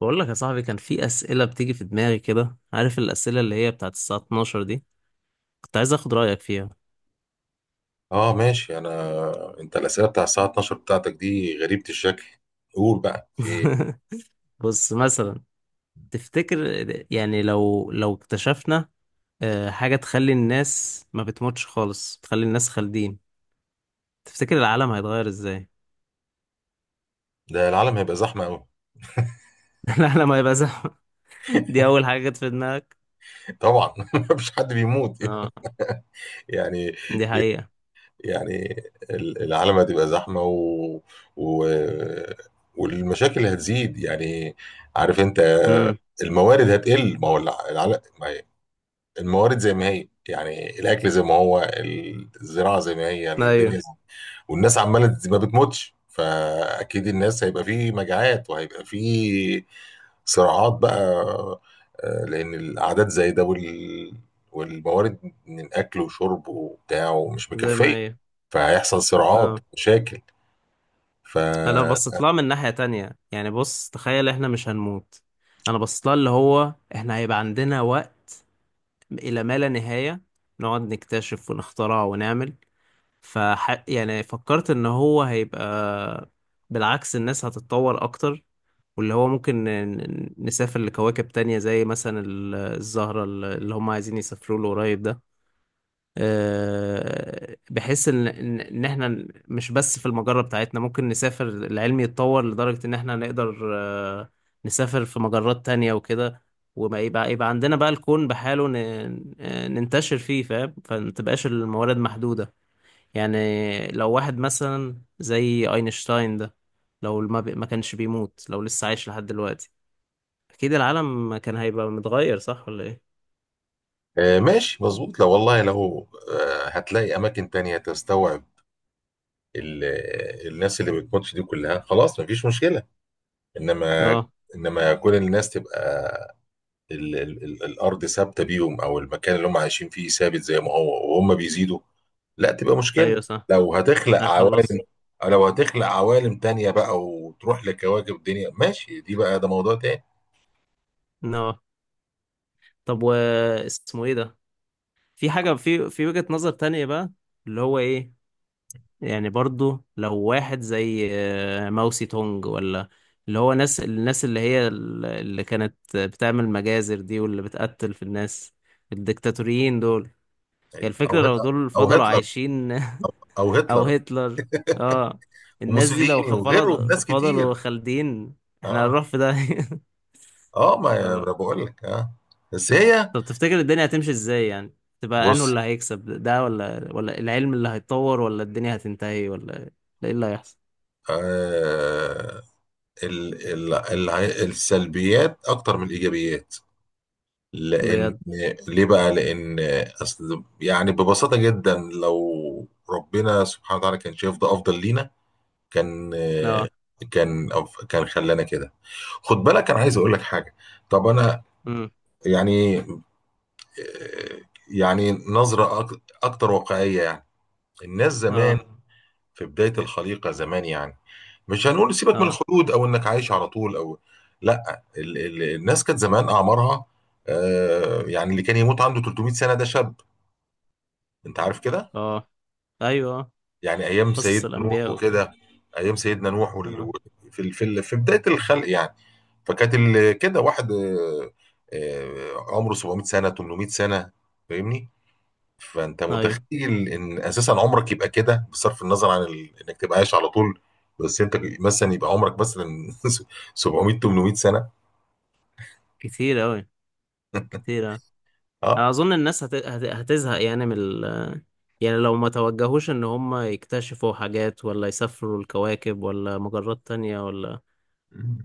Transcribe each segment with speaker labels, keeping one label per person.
Speaker 1: بقول لك يا صاحبي، كان في أسئلة بتيجي في دماغي كده، عارف الأسئلة اللي هي بتاعت الساعة 12 دي. كنت عايز أخد رأيك فيها.
Speaker 2: اه، ماشي. انت الاسئله بتاع الساعه 12 بتاعتك دي غريبه الشكل. قول بقى في ايه؟
Speaker 1: بص مثلا، تفتكر يعني لو اكتشفنا حاجة تخلي الناس ما بتموتش خالص، تخلي الناس خالدين، تفتكر العالم هيتغير إزاي؟
Speaker 2: ده العالم هيبقى زحمه قوي.
Speaker 1: العالم هيبقى زحمة. دي أول حاجة جت في دماغك.
Speaker 2: طبعا. مفيش حد بيموت.
Speaker 1: اه،
Speaker 2: يعني
Speaker 1: دي حقيقة.
Speaker 2: يعني العالم هتبقى زحمه و... والمشاكل اللي هتزيد، يعني. عارف انت،
Speaker 1: امم.
Speaker 2: الموارد هتقل. ما هو العالم، ما هي الموارد زي ما هي، يعني الاكل زي ما هو، الزراعه زي ما هي
Speaker 1: أيوه،
Speaker 2: الدنيا. والناس عماله ما بتموتش، فاكيد الناس هيبقى فيه مجاعات وهيبقى فيه صراعات بقى. لان الاعداد زي ده، والموارد من اكل وشرب وبتاع ومش
Speaker 1: زي ما
Speaker 2: مكفيه،
Speaker 1: هي.
Speaker 2: فهيحصل صراعات
Speaker 1: اه.
Speaker 2: مشاكل. ف
Speaker 1: انا لو بصيت لها من ناحية تانية، يعني بص تخيل احنا مش هنموت. انا بصيت لها اللي هو احنا هيبقى عندنا وقت الى ما لا نهاية، نقعد نكتشف ونخترع ونعمل. يعني فكرت ان هو هيبقى بالعكس، الناس هتتطور اكتر، واللي هو ممكن نسافر لكواكب تانية، زي مثلا الزهرة اللي هم عايزين يسافروا له قريب ده. بحيث ان ان إن احنا مش بس في المجرة بتاعتنا، ممكن نسافر، العلم يتطور لدرجة ان احنا نقدر، نسافر في مجرات تانية وكده. وما يبقى عندنا بقى الكون بحاله. ننتشر فيه، فاهم؟ فما تبقاش الموارد محدودة. يعني لو واحد مثلا زي اينشتاين ده، لو ما كانش بيموت، لو لسه عايش لحد دلوقتي، اكيد العالم كان هيبقى متغير. صح ولا ايه؟
Speaker 2: ماشي، مظبوط. لو، والله، لو هتلاقي اماكن تانية تستوعب ال... الناس اللي بتموتش دي كلها، خلاص مفيش مشكله. انما،
Speaker 1: اه،
Speaker 2: كل الناس تبقى ال ال ال الارض ثابته بيهم، او المكان اللي هم عايشين فيه ثابت زي ما هو وهم بيزيدوا، لا تبقى
Speaker 1: ايوه
Speaker 2: مشكله.
Speaker 1: صح.
Speaker 2: لو هتخلق عوالم
Speaker 1: هيخلص.
Speaker 2: لو هتخلق عوالم تانية بقى وتروح لكواكب الدنيا، ماشي، دي بقى ده موضوع تاني.
Speaker 1: No. طب، و اسمه ايه ده؟ في حاجة، في وجهة نظر تانية بقى، اللي هو ايه؟ يعني برضو لو واحد زي ماوسي تونج، ولا اللي هو الناس اللي هي اللي كانت بتعمل مجازر دي، واللي بتقتل في الناس، الدكتاتوريين دول، هي
Speaker 2: طيب،
Speaker 1: الفكرة لو دول
Speaker 2: او
Speaker 1: فضلوا
Speaker 2: هتلر
Speaker 1: عايشين.
Speaker 2: او
Speaker 1: او
Speaker 2: هتلر
Speaker 1: هتلر. اه. الناس دي لو
Speaker 2: وموسوليني وغيره من ناس كتير.
Speaker 1: فضلوا خالدين، احنا
Speaker 2: اه.
Speaker 1: هنروح في ده.
Speaker 2: اه، ما
Speaker 1: اه.
Speaker 2: انا بقول لك. اه. بس هي،
Speaker 1: طب، تفتكر الدنيا هتمشي ازاي يعني؟ تبقى انه
Speaker 2: بص.
Speaker 1: اللي هيكسب ده، ولا العلم اللي هيتطور، ولا الدنيا هتنتهي، ولا ايه اللي هيحصل؟
Speaker 2: آه ال ال ال السلبيات اكتر من الايجابيات. لان،
Speaker 1: بجد؟
Speaker 2: ليه بقى؟ لان اصل، يعني ببساطه جدا، لو ربنا سبحانه وتعالى كان شايف ده افضل لينا، كان
Speaker 1: اه.
Speaker 2: كان كان خلانا كده. خد بالك، انا عايز اقول لك حاجه. طب انا،
Speaker 1: امم.
Speaker 2: يعني، يعني نظره اكتر واقعيه، يعني. الناس زمان،
Speaker 1: اه.
Speaker 2: في بدايه الخليقه زمان، يعني مش هنقول سيبك من
Speaker 1: اه.
Speaker 2: الخلود او انك عايش على طول، او لا، الناس كانت زمان اعمارها يعني اللي كان يموت عنده 300 سنه ده شاب. انت عارف كده،
Speaker 1: اه. ايوه. آه.
Speaker 2: يعني ايام
Speaker 1: قصص
Speaker 2: سيدنا نوح
Speaker 1: الانبياء وكده.
Speaker 2: وكده. ايام سيدنا نوح
Speaker 1: اه.
Speaker 2: في بدايه الخلق، يعني. فكانت كده واحد عمره 700 سنه، 800 سنه، فاهمني؟ فانت
Speaker 1: ايوه.
Speaker 2: متخيل ان اساسا عمرك يبقى كده، بصرف النظر عن انك تبقى عايش على طول، بس انت مثلا يبقى عمرك مثلا 700، 800 سنه.
Speaker 1: كتير اوي. كتير أوي.
Speaker 2: اه.
Speaker 1: انا اظن الناس هتزهق يعني يعني لو ما توجهوش ان هم يكتشفوا حاجات، ولا يسافروا الكواكب، ولا مجرات تانية، ولا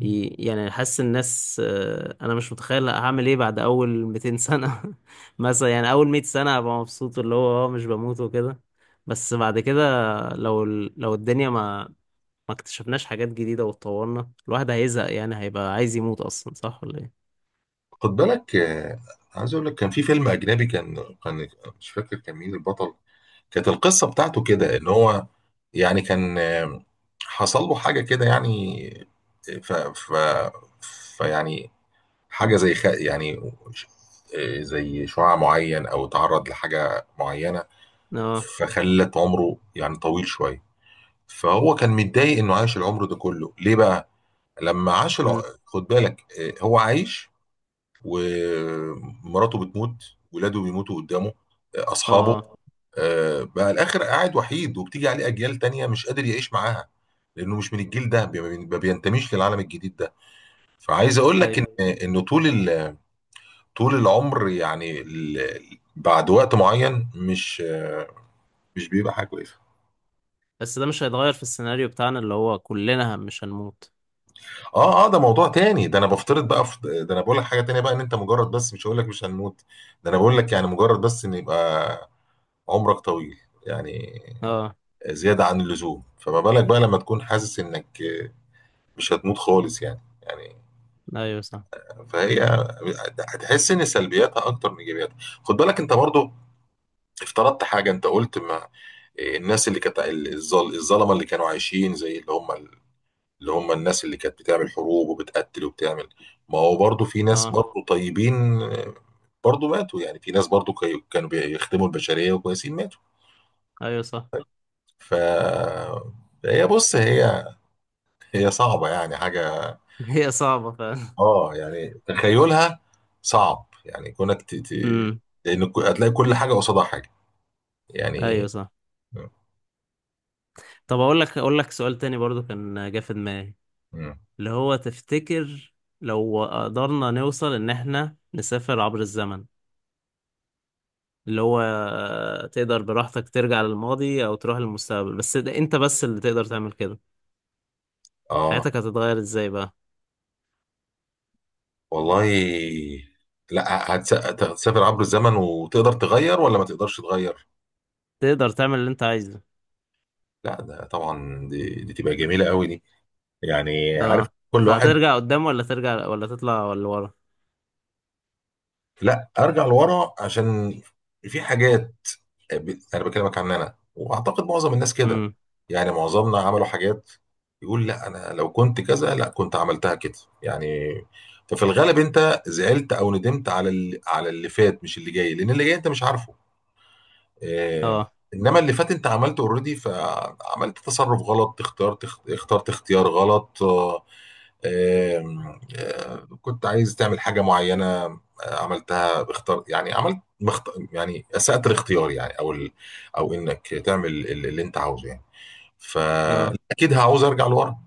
Speaker 1: يعني حاسس الناس، انا مش متخيل هعمل ايه بعد اول 200 سنة. مثلا، يعني اول 100 سنة هبقى مبسوط اللي هو اه مش بموت وكده، بس بعد كده لو لو الدنيا ما اكتشفناش حاجات جديدة واتطورنا، الواحد هيزهق، يعني هيبقى عايز يموت اصلا. صح ولا ايه؟
Speaker 2: خد بالك، عايز اقول لك كان في فيلم اجنبي، كان، كان مش فاكر كان مين البطل، كانت القصة بتاعته
Speaker 1: مم.
Speaker 2: كده، ان هو، يعني، كان حصل له حاجة كده، يعني. ف ف فيعني حاجة زي يعني زي شعاع معين، او تعرض لحاجة معينة،
Speaker 1: اه.
Speaker 2: فخلت عمره يعني طويل شوية. فهو كان متضايق انه عاش العمر ده كله ليه بقى، لما عاش
Speaker 1: مم.
Speaker 2: خد بالك، هو عايش، ومراته بتموت، ولاده بيموتوا قدامه،
Speaker 1: اه.
Speaker 2: اصحابه، بقى الاخر قاعد وحيد وبتيجي عليه اجيال تانية مش قادر يعيش معاها، لانه مش من الجيل ده، ما بينتميش للعالم الجديد ده. فعايز اقول لك
Speaker 1: ايوه،
Speaker 2: ان، طول طول العمر، يعني بعد وقت معين مش مش بيبقى حاجه كويسه.
Speaker 1: بس ده مش هيتغير في السيناريو بتاعنا اللي هو كلنا مش هنموت.
Speaker 2: اه، ده موضوع تاني. ده انا بفترض بقى في ده. انا بقول لك حاجه تانية بقى، ان انت مجرد، بس مش هقول لك مش هنموت، ده انا بقول لك يعني مجرد، بس ان يبقى عمرك طويل، يعني
Speaker 1: اه،
Speaker 2: زياده عن اللزوم. فما بالك بقى لما تكون حاسس انك مش هتموت خالص، يعني.
Speaker 1: ايوه صح.
Speaker 2: فهي هتحس ان سلبياتها اكتر من ايجابياتها. خد بالك، انت برضو افترضت حاجه، انت قلت ما الناس اللي كانت الظلمه اللي كانوا عايشين، زي اللي هم، اللي هم الناس اللي كانت بتعمل حروب وبتقتل وبتعمل. ما هو برضو في ناس
Speaker 1: اه،
Speaker 2: برضو طيبين، برضو ماتوا. يعني في ناس برضو كانوا بيخدموا البشريه وكويسين، ماتوا.
Speaker 1: ايوه صح.
Speaker 2: ف هي، بص، هي، هي صعبه يعني حاجه.
Speaker 1: هي صعبة فعلا.
Speaker 2: اه، يعني تخيلها صعب، يعني كونك
Speaker 1: امم.
Speaker 2: لان هتلاقي كل حاجه قصادها حاجه، يعني.
Speaker 1: ايوه صح. طب، اقول لك سؤال تاني برضو كان جه في دماغي
Speaker 2: مم.
Speaker 1: اللي هو، تفتكر لو قدرنا نوصل ان احنا نسافر عبر الزمن، اللي هو تقدر براحتك ترجع للماضي او تروح للمستقبل، بس ده انت بس اللي تقدر تعمل كده،
Speaker 2: اه،
Speaker 1: حياتك هتتغير ازاي بقى؟
Speaker 2: والله. لا، هتسافر عبر الزمن وتقدر تغير، ولا ما تقدرش تغير؟
Speaker 1: تقدر تعمل اللي انت عايزه.
Speaker 2: لا، ده طبعا، دي تبقى جميلة قوي دي، يعني عارف،
Speaker 1: اه.
Speaker 2: كل واحد.
Speaker 1: فهترجع قدام، ولا ترجع، ولا تطلع، ولا ورا؟
Speaker 2: لا، ارجع لورا، عشان في حاجات، انا بكلمك عن انا، واعتقد معظم الناس كده.
Speaker 1: امم.
Speaker 2: يعني معظمنا عملوا حاجات يقول لا، انا لو كنت كذا لا كنت عملتها كده، يعني. ففي الغالب انت زعلت او ندمت على اللي، فات، مش اللي جاي، لان اللي جاي انت مش عارفه. آه،
Speaker 1: اه.
Speaker 2: انما اللي فات انت عملته اوريدي، فعملت تصرف غلط، اخترت، اختيار غلط. آه، آم، آه، كنت عايز تعمل حاجه معينه، عملتها اختار، يعني عملت يعني اسأت الاختيار، يعني، او انك تعمل اللي انت عاوزه، يعني.
Speaker 1: اه.
Speaker 2: فاكيد هعوز ارجع لورا،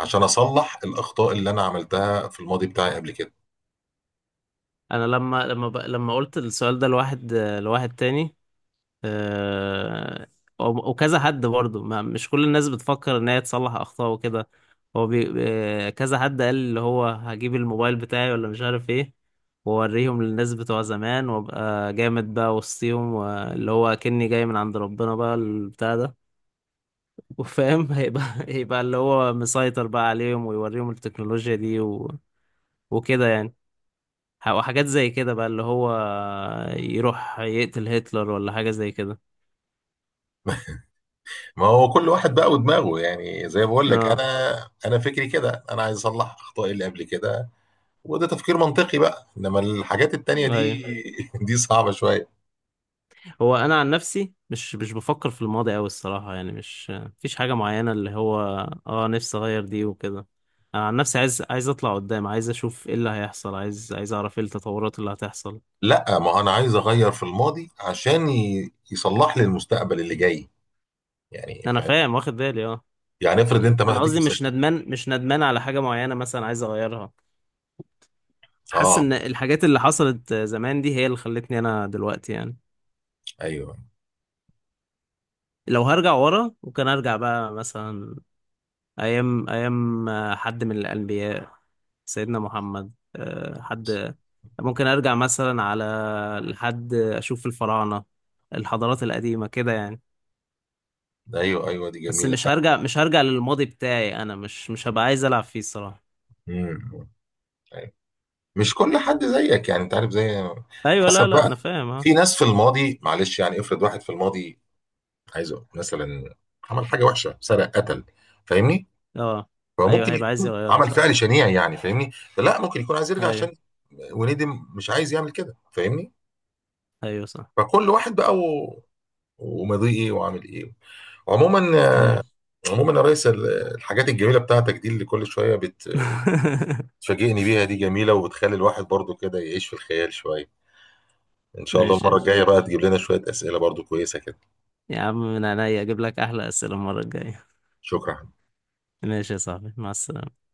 Speaker 2: عشان اصلح الاخطاء اللي انا عملتها في الماضي بتاعي قبل كده.
Speaker 1: انا لما قلت السؤال ده لواحد تاني، آه، وكذا حد برضه، مش كل الناس بتفكر ان هي تصلح اخطاء وكده، هو بي... آه، كذا حد قال اللي هو هجيب الموبايل بتاعي ولا مش عارف ايه، واوريهم للناس بتوع زمان، وابقى جامد بقى وسطيهم، واللي هو كني جاي من عند ربنا بقى البتاع ده، وفاهم، هيبقى اللي هو مسيطر بقى عليهم، ويوريهم التكنولوجيا دي وكده يعني، وحاجات زي كده بقى اللي هو يروح يقتل هتلر، ولا حاجة زي كده.
Speaker 2: ما هو كل واحد بقى ودماغه، يعني زي ما بقول لك انا،
Speaker 1: اه،
Speaker 2: انا فكري كده، انا عايز اصلح اخطائي اللي قبل كده، وده تفكير منطقي بقى، انما الحاجات التانية دي
Speaker 1: ايوه.
Speaker 2: دي صعبة شوية.
Speaker 1: هو انا عن نفسي مش بفكر في الماضي قوي الصراحه، يعني مش مفيش حاجه معينه اللي هو اه نفسي اغير دي وكده، انا عن نفسي عايز اطلع قدام، عايز اشوف ايه اللي هيحصل، عايز اعرف ايه التطورات اللي هتحصل.
Speaker 2: لا، ما هو انا عايز اغير في الماضي، عشان يصلح لي المستقبل اللي جاي، يعني
Speaker 1: انا
Speaker 2: فاهم.
Speaker 1: فاهم واخد بالي. اه.
Speaker 2: يعني افرض انت، ما
Speaker 1: انا
Speaker 2: هديك
Speaker 1: قصدي
Speaker 2: مثال.
Speaker 1: مش ندمان على حاجه معينه مثلا عايز اغيرها، حاسس
Speaker 2: اه،
Speaker 1: ان الحاجات اللي حصلت زمان دي هي اللي خلتني انا دلوقتي يعني.
Speaker 2: ايوه،
Speaker 1: لو هرجع ورا وكان ارجع بقى، مثلا أيام أيام حد من الأنبياء، سيدنا محمد حد ممكن أرجع مثلا على، لحد أشوف الفراعنة، الحضارات القديمة كده يعني.
Speaker 2: ايوه، ايوه، دي
Speaker 1: بس
Speaker 2: جميلة.
Speaker 1: مش هرجع للماضي بتاعي، أنا مش هبقى عايز ألعب فيه الصراحة.
Speaker 2: امم. أيوة. مش كل حد زيك، يعني انت عارف، زي،
Speaker 1: أيوة. لا
Speaker 2: حسب
Speaker 1: لا،
Speaker 2: بقى.
Speaker 1: أنا فاهم. أه.
Speaker 2: في ناس في الماضي، معلش، يعني افرض واحد في الماضي، عايز أقول مثلا، عمل حاجة وحشة، سرق، قتل، فاهمني؟
Speaker 1: أه. أيوة،
Speaker 2: فممكن
Speaker 1: هيبقى عايز
Speaker 2: يكون
Speaker 1: يغيرها
Speaker 2: عمل
Speaker 1: صح.
Speaker 2: فعل شنيع، يعني فاهمني. لا، ممكن يكون عايز يرجع،
Speaker 1: أيوة،
Speaker 2: عشان وندم، مش عايز يعمل كده، فاهمني.
Speaker 1: أيوة صح.
Speaker 2: فكل واحد بقى، و... وماضيه ايه وعامل ايه. عموما،
Speaker 1: أيوة.
Speaker 2: يا ريس، الحاجات الجميله بتاعتك دي اللي كل شويه بتفاجئني بيها دي جميله، وبتخلي الواحد برضو كده يعيش في الخيال شويه. ان شاء الله
Speaker 1: ماشي يا
Speaker 2: المره الجايه
Speaker 1: باشا.
Speaker 2: بقى تجيب لنا شويه اسئله برضو كويسه كده.
Speaker 1: يا عم من عينيا أجيب لك أحلى أسئلة المرة الجاية.
Speaker 2: شكرا.
Speaker 1: ماشي يا صاحبي، مع السلامة.